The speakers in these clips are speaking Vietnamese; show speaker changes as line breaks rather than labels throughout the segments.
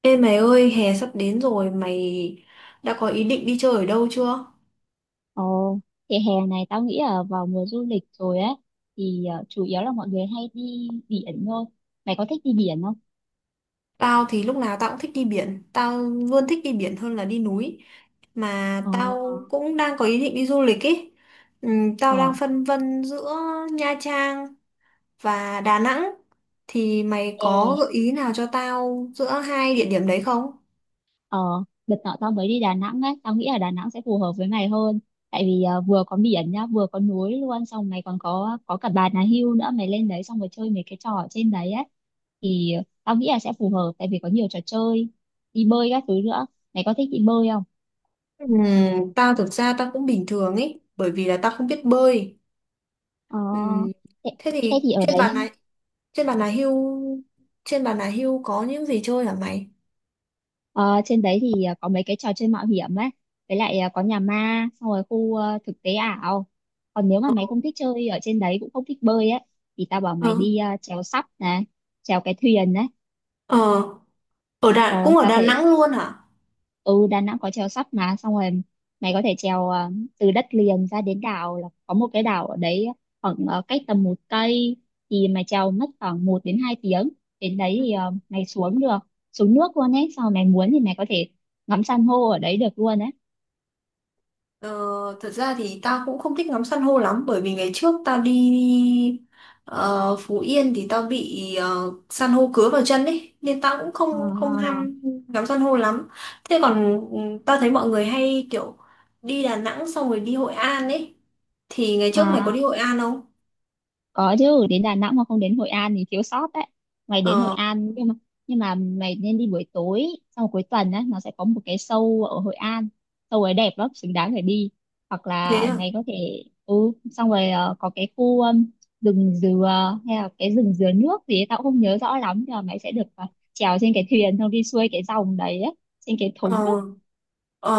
Ê mày ơi, hè sắp đến rồi, mày đã có ý định đi chơi ở đâu chưa?
Ồ, thì hè này tao nghĩ là vào mùa du lịch rồi ấy thì chủ yếu là mọi người hay đi biển thôi. Mày có thích đi biển không?
Tao thì lúc nào tao cũng thích đi biển, tao luôn thích đi biển hơn là đi núi. Mà
Ờ.
tao cũng đang có ý định đi du lịch ý. Tao đang
Ờ.
phân vân giữa Nha Trang và Đà Nẵng. Thì mày có
Ê.
gợi ý nào cho tao giữa hai địa điểm đấy không?
Ờ. Đợt nọ tao mới đi Đà Nẵng ấy, tao nghĩ là Đà Nẵng sẽ phù hợp với mày hơn. Tại vì vừa có biển nhá, vừa có núi luôn, xong mày còn có cả Bà Nà Hưu nữa, mày lên đấy xong rồi chơi mấy cái trò ở trên đấy ấy thì tao nghĩ là sẽ phù hợp tại vì có nhiều trò chơi, đi bơi các thứ nữa. Mày có thích đi bơi không?
Ừm, tao thực ra Tao cũng bình thường ý, bởi vì là tao không biết bơi.
Ờ.
Ừm,
thế
Thế
thế
thì
thì ở đấy.
trên bàn là hưu trên bàn là hưu có những gì chơi hả mày?
Ờ, trên đấy thì có mấy cái trò chơi mạo hiểm ấy, với lại có nhà ma, xong rồi khu thực tế ảo. Còn nếu mà mày không thích chơi ở trên đấy, cũng không thích bơi ấy, thì tao bảo
Ờ,
mày đi chèo sắp này, chèo cái thuyền đấy.
ờ, Ở
Ờ,
Đà cũng ở
tao
Đà
thể.
Nẵng luôn hả?
Ừ Đà Nẵng có chèo sắp mà, xong rồi mày có thể chèo từ đất liền ra đến đảo, là có một cái đảo ở đấy, khoảng cách tầm 1 cây, thì mày chèo mất khoảng 1 đến 2 tiếng. Đến đấy
Ừ.
thì mày xuống được, xuống nước luôn ấy, xong rồi mày muốn thì mày có thể ngắm san hô ở đấy được luôn ấy.
Ờ, thật ra thì tao cũng không thích ngắm san hô lắm bởi vì ngày trước tao đi ờ, Phú Yên thì tao bị san hô cứa vào chân ấy nên tao cũng không không
À,
ham ngắm san hô lắm. Thế còn tao thấy mọi người hay kiểu đi Đà Nẵng xong rồi đi Hội An ấy, thì ngày trước mày có
à,
đi Hội An không?
có chứ, đến Đà Nẵng mà không đến Hội An thì thiếu sót đấy. Mày đến Hội
Ờ,
An, nhưng mà mày nên đi buổi tối, sau một cuối tuần á nó sẽ có một cái show ở Hội An. Show ấy đẹp lắm, xứng đáng phải đi. Hoặc
thế
là
à?
mày có thể xong rồi có cái khu rừng dừa, hay là cái rừng dừa nước gì ấy, tao cũng không nhớ rõ lắm. Nhưng mà mày sẽ được trèo trên cái thuyền, xong đi xuôi cái dòng đấy á, trên cái thúng
Ờ.
á.
Ờ.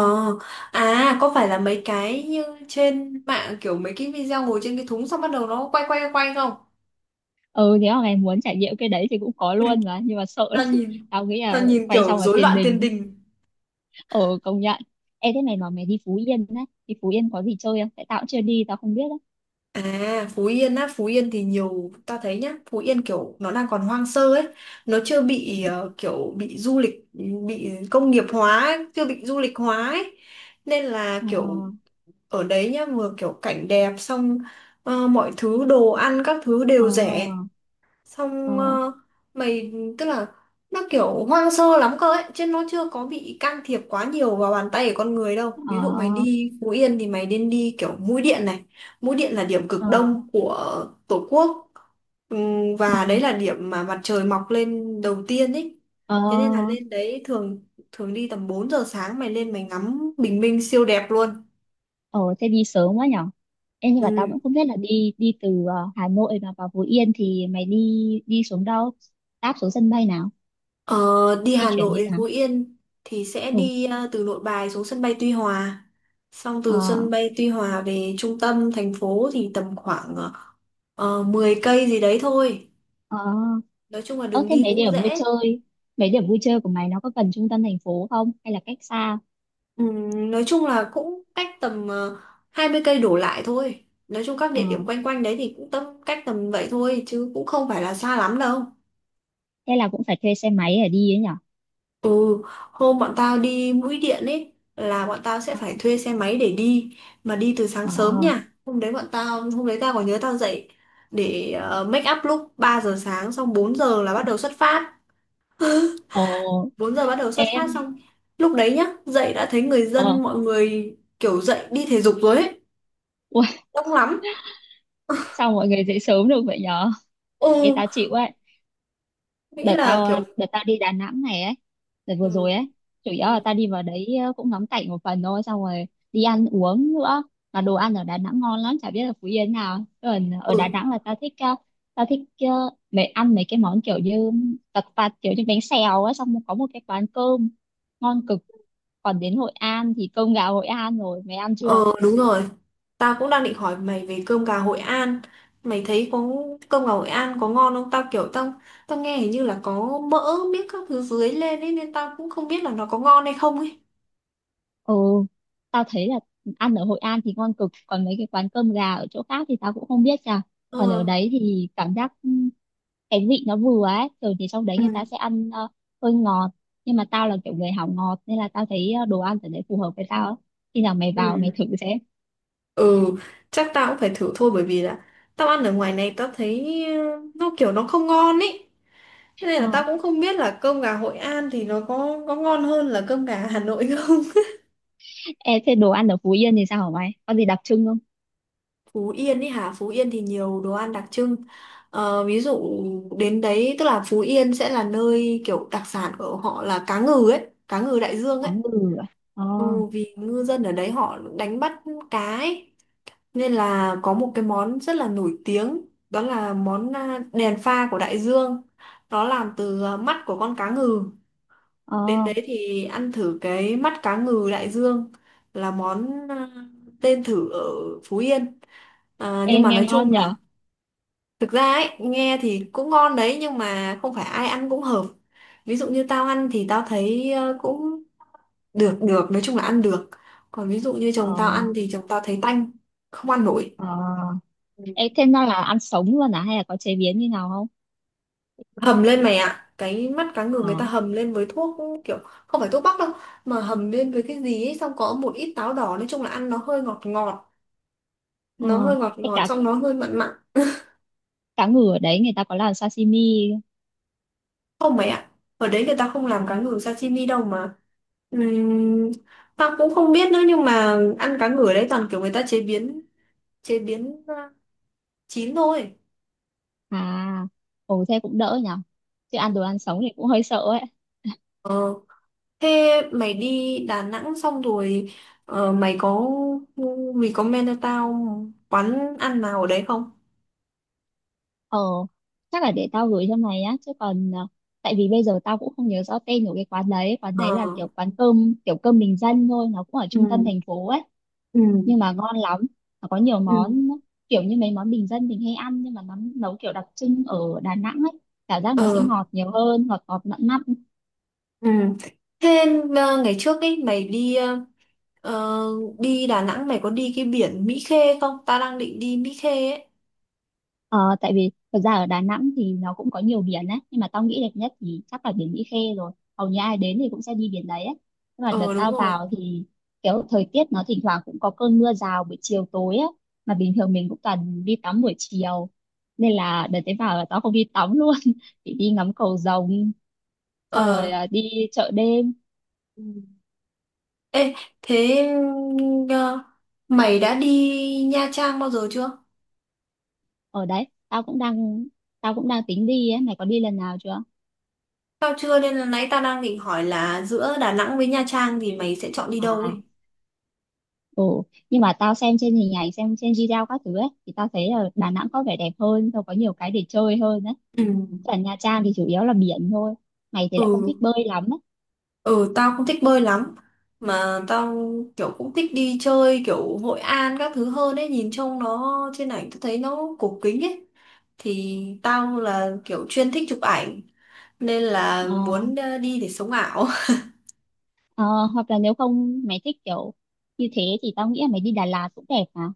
À, có phải là mấy cái như trên mạng kiểu mấy cái video ngồi trên cái thúng xong bắt đầu nó quay quay quay không?
Ừ Nếu mà mày muốn trải nghiệm cái đấy thì cũng có
Ui,
luôn mà, nhưng mà sợ lắm.
tao nhìn
Tao nghĩ là
tao nhìn
quay
kiểu
xong là
rối
tiền
loạn
đình.
tiền đình.
Ờ, công nhận. Ê, thế này mà mày đi Phú Yên đấy, đi Phú Yên có gì chơi không? Tại tao cũng chưa đi, tao không biết đấy.
À, Phú Yên á, Phú Yên thì nhiều ta thấy nhá, Phú Yên kiểu nó đang còn hoang sơ ấy, nó chưa
Ừ.
bị kiểu bị du lịch bị công nghiệp hóa ấy, chưa bị du lịch hóa ấy. Nên là
Ờ,
kiểu ở đấy nhá, vừa kiểu cảnh đẹp, xong mọi thứ đồ ăn các thứ đều rẻ,
ờ,
xong
ờ,
ờ, mày tức là nó kiểu hoang sơ lắm cơ ấy, chứ nó chưa có bị can thiệp quá nhiều vào bàn tay của con người đâu. Ví dụ mày
ờ,
đi Phú Yên thì mày nên đi kiểu mũi Điện này, mũi Điện là điểm cực
ờ,
đông của Tổ quốc. Và đấy
ừ,
là điểm mà mặt trời mọc lên đầu tiên ấy, thế nên là
ờ,
lên đấy thường thường đi tầm 4 giờ sáng mày lên mày ngắm bình minh siêu đẹp luôn.
ờ. Thế đi sớm quá nhở? Em, nhưng mà tao
Ừ.
vẫn không biết là đi đi từ Hà Nội mà vào Phú Yên thì mày đi đi xuống đâu? Đáp xuống sân bay nào?
Ờ, đi
Di
Hà
chuyển như
Nội, Phú
nào?
Yên thì sẽ
Ừ.
đi từ Nội Bài xuống sân bay Tuy Hòa. Xong
Ờ,
từ sân bay Tuy Hòa về trung tâm thành phố thì tầm khoảng 10 cây gì đấy thôi.
ờ,
Nói chung là
ờ.
đường
Thế
đi cũng dễ.
mấy điểm vui chơi của mày nó có gần trung tâm thành phố không? Hay là cách xa?
Nói chung là cũng cách tầm 20 cây đổ lại thôi. Nói chung các
Ờ,
địa điểm quanh quanh đấy thì cũng tầm cách tầm vậy thôi chứ cũng không phải là xa lắm đâu.
thế là cũng phải thuê xe máy để đi ấy nhỉ?
Ừ, hôm bọn tao đi Mũi Điện ấy là bọn tao sẽ
Ờ.
phải thuê xe máy để đi, mà đi từ sáng
Ờ.
sớm nha. Hôm đấy tao còn nhớ tao dậy để make up lúc 3 giờ sáng, xong 4 giờ là bắt đầu xuất phát.
Ồ.
4 giờ bắt đầu xuất phát,
Em.
xong lúc đấy nhá, dậy đã thấy người dân
ờ,
mọi người kiểu dậy đi thể dục rồi ấy,
Ui,
đông lắm.
sao mọi người dậy sớm được vậy nhở? Cái
Ừ,
tao chịu ấy.
nghĩ là kiểu
Đợt tao đi Đà Nẵng này ấy, đợt vừa rồi
ừ
ấy, chủ yếu là
ừ
tao đi vào đấy cũng ngắm cảnh một phần thôi, xong rồi đi ăn uống nữa. Mà đồ ăn ở Đà Nẵng ngon lắm, chả biết là Phú Yên nào. Còn ở Đà
ừ.
Nẵng là tao thích, tao thích ờ, mấy ăn mấy cái món kiểu như tật tật, kiểu như bánh xèo á, xong có một cái quán cơm ngon cực. Còn đến Hội An thì cơm gà Hội An rồi, mày ăn
Ờ,
chưa?
đúng rồi. Tao cũng đang định hỏi mày về cơm gà Hội An. Mày thấy có cơm gà Hội An có ngon không? Tao kiểu tao tao nghe hình như là có mỡ miếc các thứ dưới lên ấy nên tao cũng không biết là nó có ngon hay không ấy.
Ừ, tao thấy là ăn ở Hội An thì ngon cực, còn mấy cái quán cơm gà ở chỗ khác thì tao cũng không biết nha. Còn ở
Ờ.
đấy thì cảm giác cái vị nó vừa ấy, thường thì trong đấy
Ừ.
người ta sẽ ăn hơi ngọt, nhưng mà tao là kiểu người hảo ngọt nên là tao thấy đồ ăn ở đấy phù hợp với tao ấy. Khi nào mày
Ừ.
vào mày thử xem.
Ừ, chắc tao cũng phải thử thôi bởi vì là tao ăn ở ngoài này tao thấy nó kiểu nó không ngon ấy. Thế nên là
Ờ.
tao cũng không biết là cơm gà Hội An thì nó có ngon hơn là cơm gà Hà Nội không.
Ê, thế đồ ăn ở Phú Yên thì sao hả mày? Có gì đặc trưng không?
Phú Yên ấy hả? Phú Yên thì nhiều đồ ăn đặc trưng. Ờ, ví dụ đến đấy tức là Phú Yên sẽ là nơi kiểu đặc sản của họ là cá ngừ ấy, cá ngừ đại dương
Cá
ấy.
ngừ à? Ờ,
Ừ, vì ngư dân ở đấy họ đánh bắt cá ấy. Nên là có một cái món rất là nổi tiếng, đó là món à, đèn pha của đại dương. Nó làm từ à, mắt của con cá ngừ.
ờ.
Đến đấy thì ăn thử cái mắt cá ngừ đại dương là món à, tên thử ở Phú Yên. À,
Ê,
nhưng mà
nghe
nói
ngon
chung
nhở?
là thực ra ấy, nghe thì cũng ngon đấy nhưng mà không phải ai ăn cũng hợp. Ví dụ như tao ăn thì tao thấy cũng được được, nói chung là ăn được. Còn ví dụ như chồng tao
Ờ,
ăn thì chồng tao thấy tanh, không ăn nổi.
ờ.
Ừ.
Ê, thế nó là ăn sống luôn à, hay là có chế biến như nào
Hầm lên mày ạ, cái mắt cá ngừ người ta
không?
hầm lên với thuốc, kiểu không phải thuốc bắc đâu mà hầm lên với cái gì ấy, xong có một ít táo đỏ, nói chung là ăn nó hơi ngọt ngọt,
Ờ,
nó hơi ngọt
cái
ngọt
cá
xong nó hơi mặn mặn.
cá ngừ ở đấy người ta có làm sashimi
Không mày ạ, ở đấy người ta không
ờ,
làm cá ngừ sashimi đâu mà. Ừm, Tao cũng không biết nữa nhưng mà ăn cá ngừ ở đấy toàn kiểu người ta chế biến chín thôi.
à, ồ, thế cũng đỡ nhở, chứ ăn đồ ăn sống thì cũng hơi sợ ấy.
Ờ, thế mày đi Đà Nẵng xong rồi ờ, mày có mày có men cho tao quán ăn nào ở đấy không?
ờ Chắc là để tao gửi cho mày á, chứ còn tại vì bây giờ tao cũng không nhớ rõ tên của cái quán đấy. Quán đấy là
Ờ.
kiểu quán cơm, kiểu cơm bình dân thôi, nó cũng ở
Ừ.
trung tâm thành phố ấy,
Ừ.
nhưng mà ngon lắm. Nó có nhiều
Ừ.
món kiểu như mấy món bình dân mình hay ăn, nhưng mà nó nấu kiểu đặc trưng ở Đà Nẵng ấy. Cảm giác nó sẽ
Ờ.
ngọt nhiều hơn, ngọt ngọt mặn mặn.
Ừ. Thế ngày trước ấy mày đi ờ, đi Đà Nẵng mày có đi cái biển Mỹ Khê không? Ta đang định đi Mỹ Khê ấy.
Ờ, tại vì thật ra ở Đà Nẵng thì nó cũng có nhiều biển đấy, nhưng mà tao nghĩ đẹp nhất thì chắc là biển Mỹ Khê rồi. Hầu như ai đến thì cũng sẽ đi biển đấy ấy. Nhưng mà đợt
Ờ đúng
tao
rồi.
vào thì kiểu thời tiết nó thỉnh thoảng cũng có cơn mưa rào buổi chiều tối á. Mà bình thường mình cũng toàn đi tắm buổi chiều, nên là đợt đấy vào là tao không đi tắm luôn chỉ đi ngắm cầu rồng, xong
Ờ.
rồi à, đi chợ đêm.
Ừ. Ê, thế ừ, ờ, mày đã đi Nha Trang bao giờ chưa?
Ở đấy tao cũng đang tính đi ấy. Mày có đi lần nào chưa
Tao chưa, nên là nãy ta đang định hỏi là giữa Đà Nẵng với Nha Trang thì mày sẽ chọn đi đâu
à?
ấy?
Ừ. Nhưng mà tao xem trên hình ảnh, xem trên video các thứ ấy, thì tao thấy là Đà Nẵng có vẻ đẹp hơn rồi, có nhiều cái để chơi hơn đấy.
Ừ.
Còn Nha Trang thì chủ yếu là biển thôi, mày thì lại không
Ừ.
thích bơi lắm ấy.
Ừ, tao không thích bơi lắm, mà tao kiểu cũng thích đi chơi kiểu Hội An các thứ hơn ấy, nhìn trông nó trên ảnh tao thấy nó cổ kính ấy, thì tao là kiểu chuyên thích chụp ảnh nên là
ờ,
muốn đi để sống ảo.
ờ, Hoặc là nếu không mày thích kiểu như thế, thì tao nghĩ là mày đi Đà Lạt cũng đẹp mà,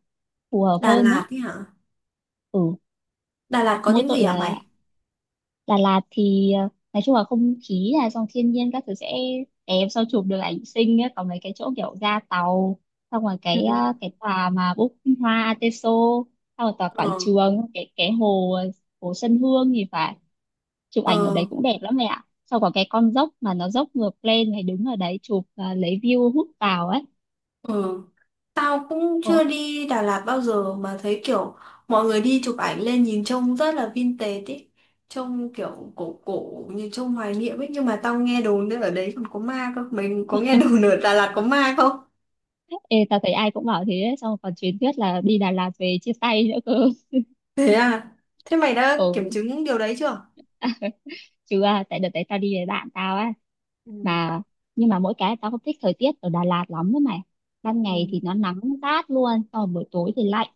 phù hợp
Đà
hơn nhá.
Lạt ấy hả?
ừ
Đà Lạt có
Mỗi
những
tội
gì hả
là
mày?
Đà Lạt thì nói chung là không khí là dòng thiên nhiên các thứ sẽ đẹp, sau chụp được ảnh xinh ấy. Còn mấy cái chỗ kiểu ra tàu, xong rồi cái
Ừ.
cái tòa mà Búp Hoa Ateso, xong rồi tòa
ờ
quảng trường, cái hồ hồ sân Hương thì phải, chụp ảnh ở đấy
ờ
cũng đẹp lắm mẹ ạ. Sau có cái con dốc mà nó dốc ngược lên thì đứng ở đấy chụp lấy view hút vào ấy.
ờ. Tao cũng
Ồ,
chưa đi Đà Lạt bao giờ mà thấy kiểu mọi người đi chụp ảnh lên nhìn trông rất là vintage ý. Trông kiểu cổ cổ như trông hoài niệm ấy, nhưng mà tao nghe đồn nữa ở đấy còn có ma cơ. Mình có nghe đồn ở Đà Lạt có ma không?
ê, tao thấy ai cũng bảo thế ấy, xong còn truyền thuyết là đi Đà Lạt về chia tay nữa cơ.
Thế à? Thế mày đã kiểm
Ừ,
chứng điều đấy chưa?
chứ à, tại đợt đấy tao đi với bạn tao á
Ừ.
mà. Nhưng mà mỗi cái tao không thích thời tiết ở Đà Lạt lắm đó mày. Ban
Ừ.
ngày thì nó nắng rát luôn, xong rồi buổi tối thì lạnh.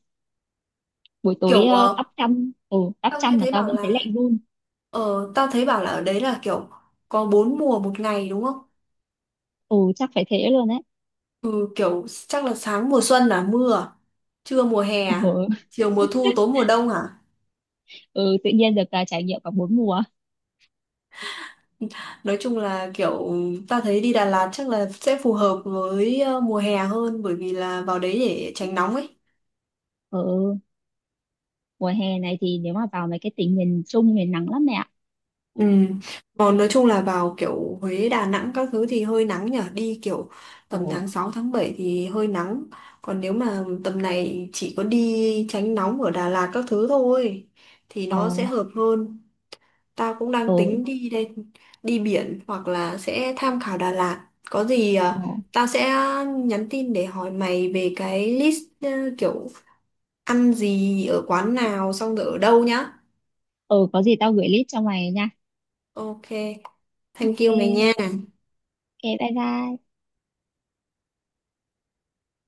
Buổi tối
Kiểu
đắp
tao nghe
chăn mà
thấy
tao
bảo
vẫn thấy
là
lạnh run.
tao thấy bảo là ở đấy là kiểu có bốn mùa một ngày đúng không?
Ừ, chắc phải thế luôn đấy.
Ừ, kiểu chắc là sáng mùa xuân là mưa, à? Trưa mùa hè, à?
Ừ.
Chiều mùa thu, tối mùa đông hả?
Ừ, tự nhiên được trải nghiệm cả bốn mùa.
Nói chung là kiểu ta thấy đi Đà Lạt chắc là sẽ phù hợp với mùa hè hơn, bởi vì là vào đấy để tránh nóng ấy.
Ừ, mùa hè này thì nếu mà vào mấy cái tỉnh miền Trung miền nắng lắm mẹ ạ.
Ừ. Còn nói chung là vào kiểu Huế, Đà Nẵng các thứ thì hơi nắng nhở. Đi kiểu tầm
Ừ,
tháng 6 tháng 7 thì hơi nắng. Còn nếu mà tầm này chỉ có đi tránh nóng ở Đà Lạt các thứ thôi thì nó sẽ
ừ,
hợp hơn. Tao cũng đang
ừ,
tính đi đây, đi biển hoặc là sẽ tham khảo Đà Lạt. Có gì
ừ,
à, tao sẽ nhắn tin để hỏi mày về cái list kiểu ăn gì ở quán nào xong rồi ở đâu nhá.
ừ, có gì tao gửi list cho mày nha.
Ok, thank you mày nha.
Ok, ok, bye bye.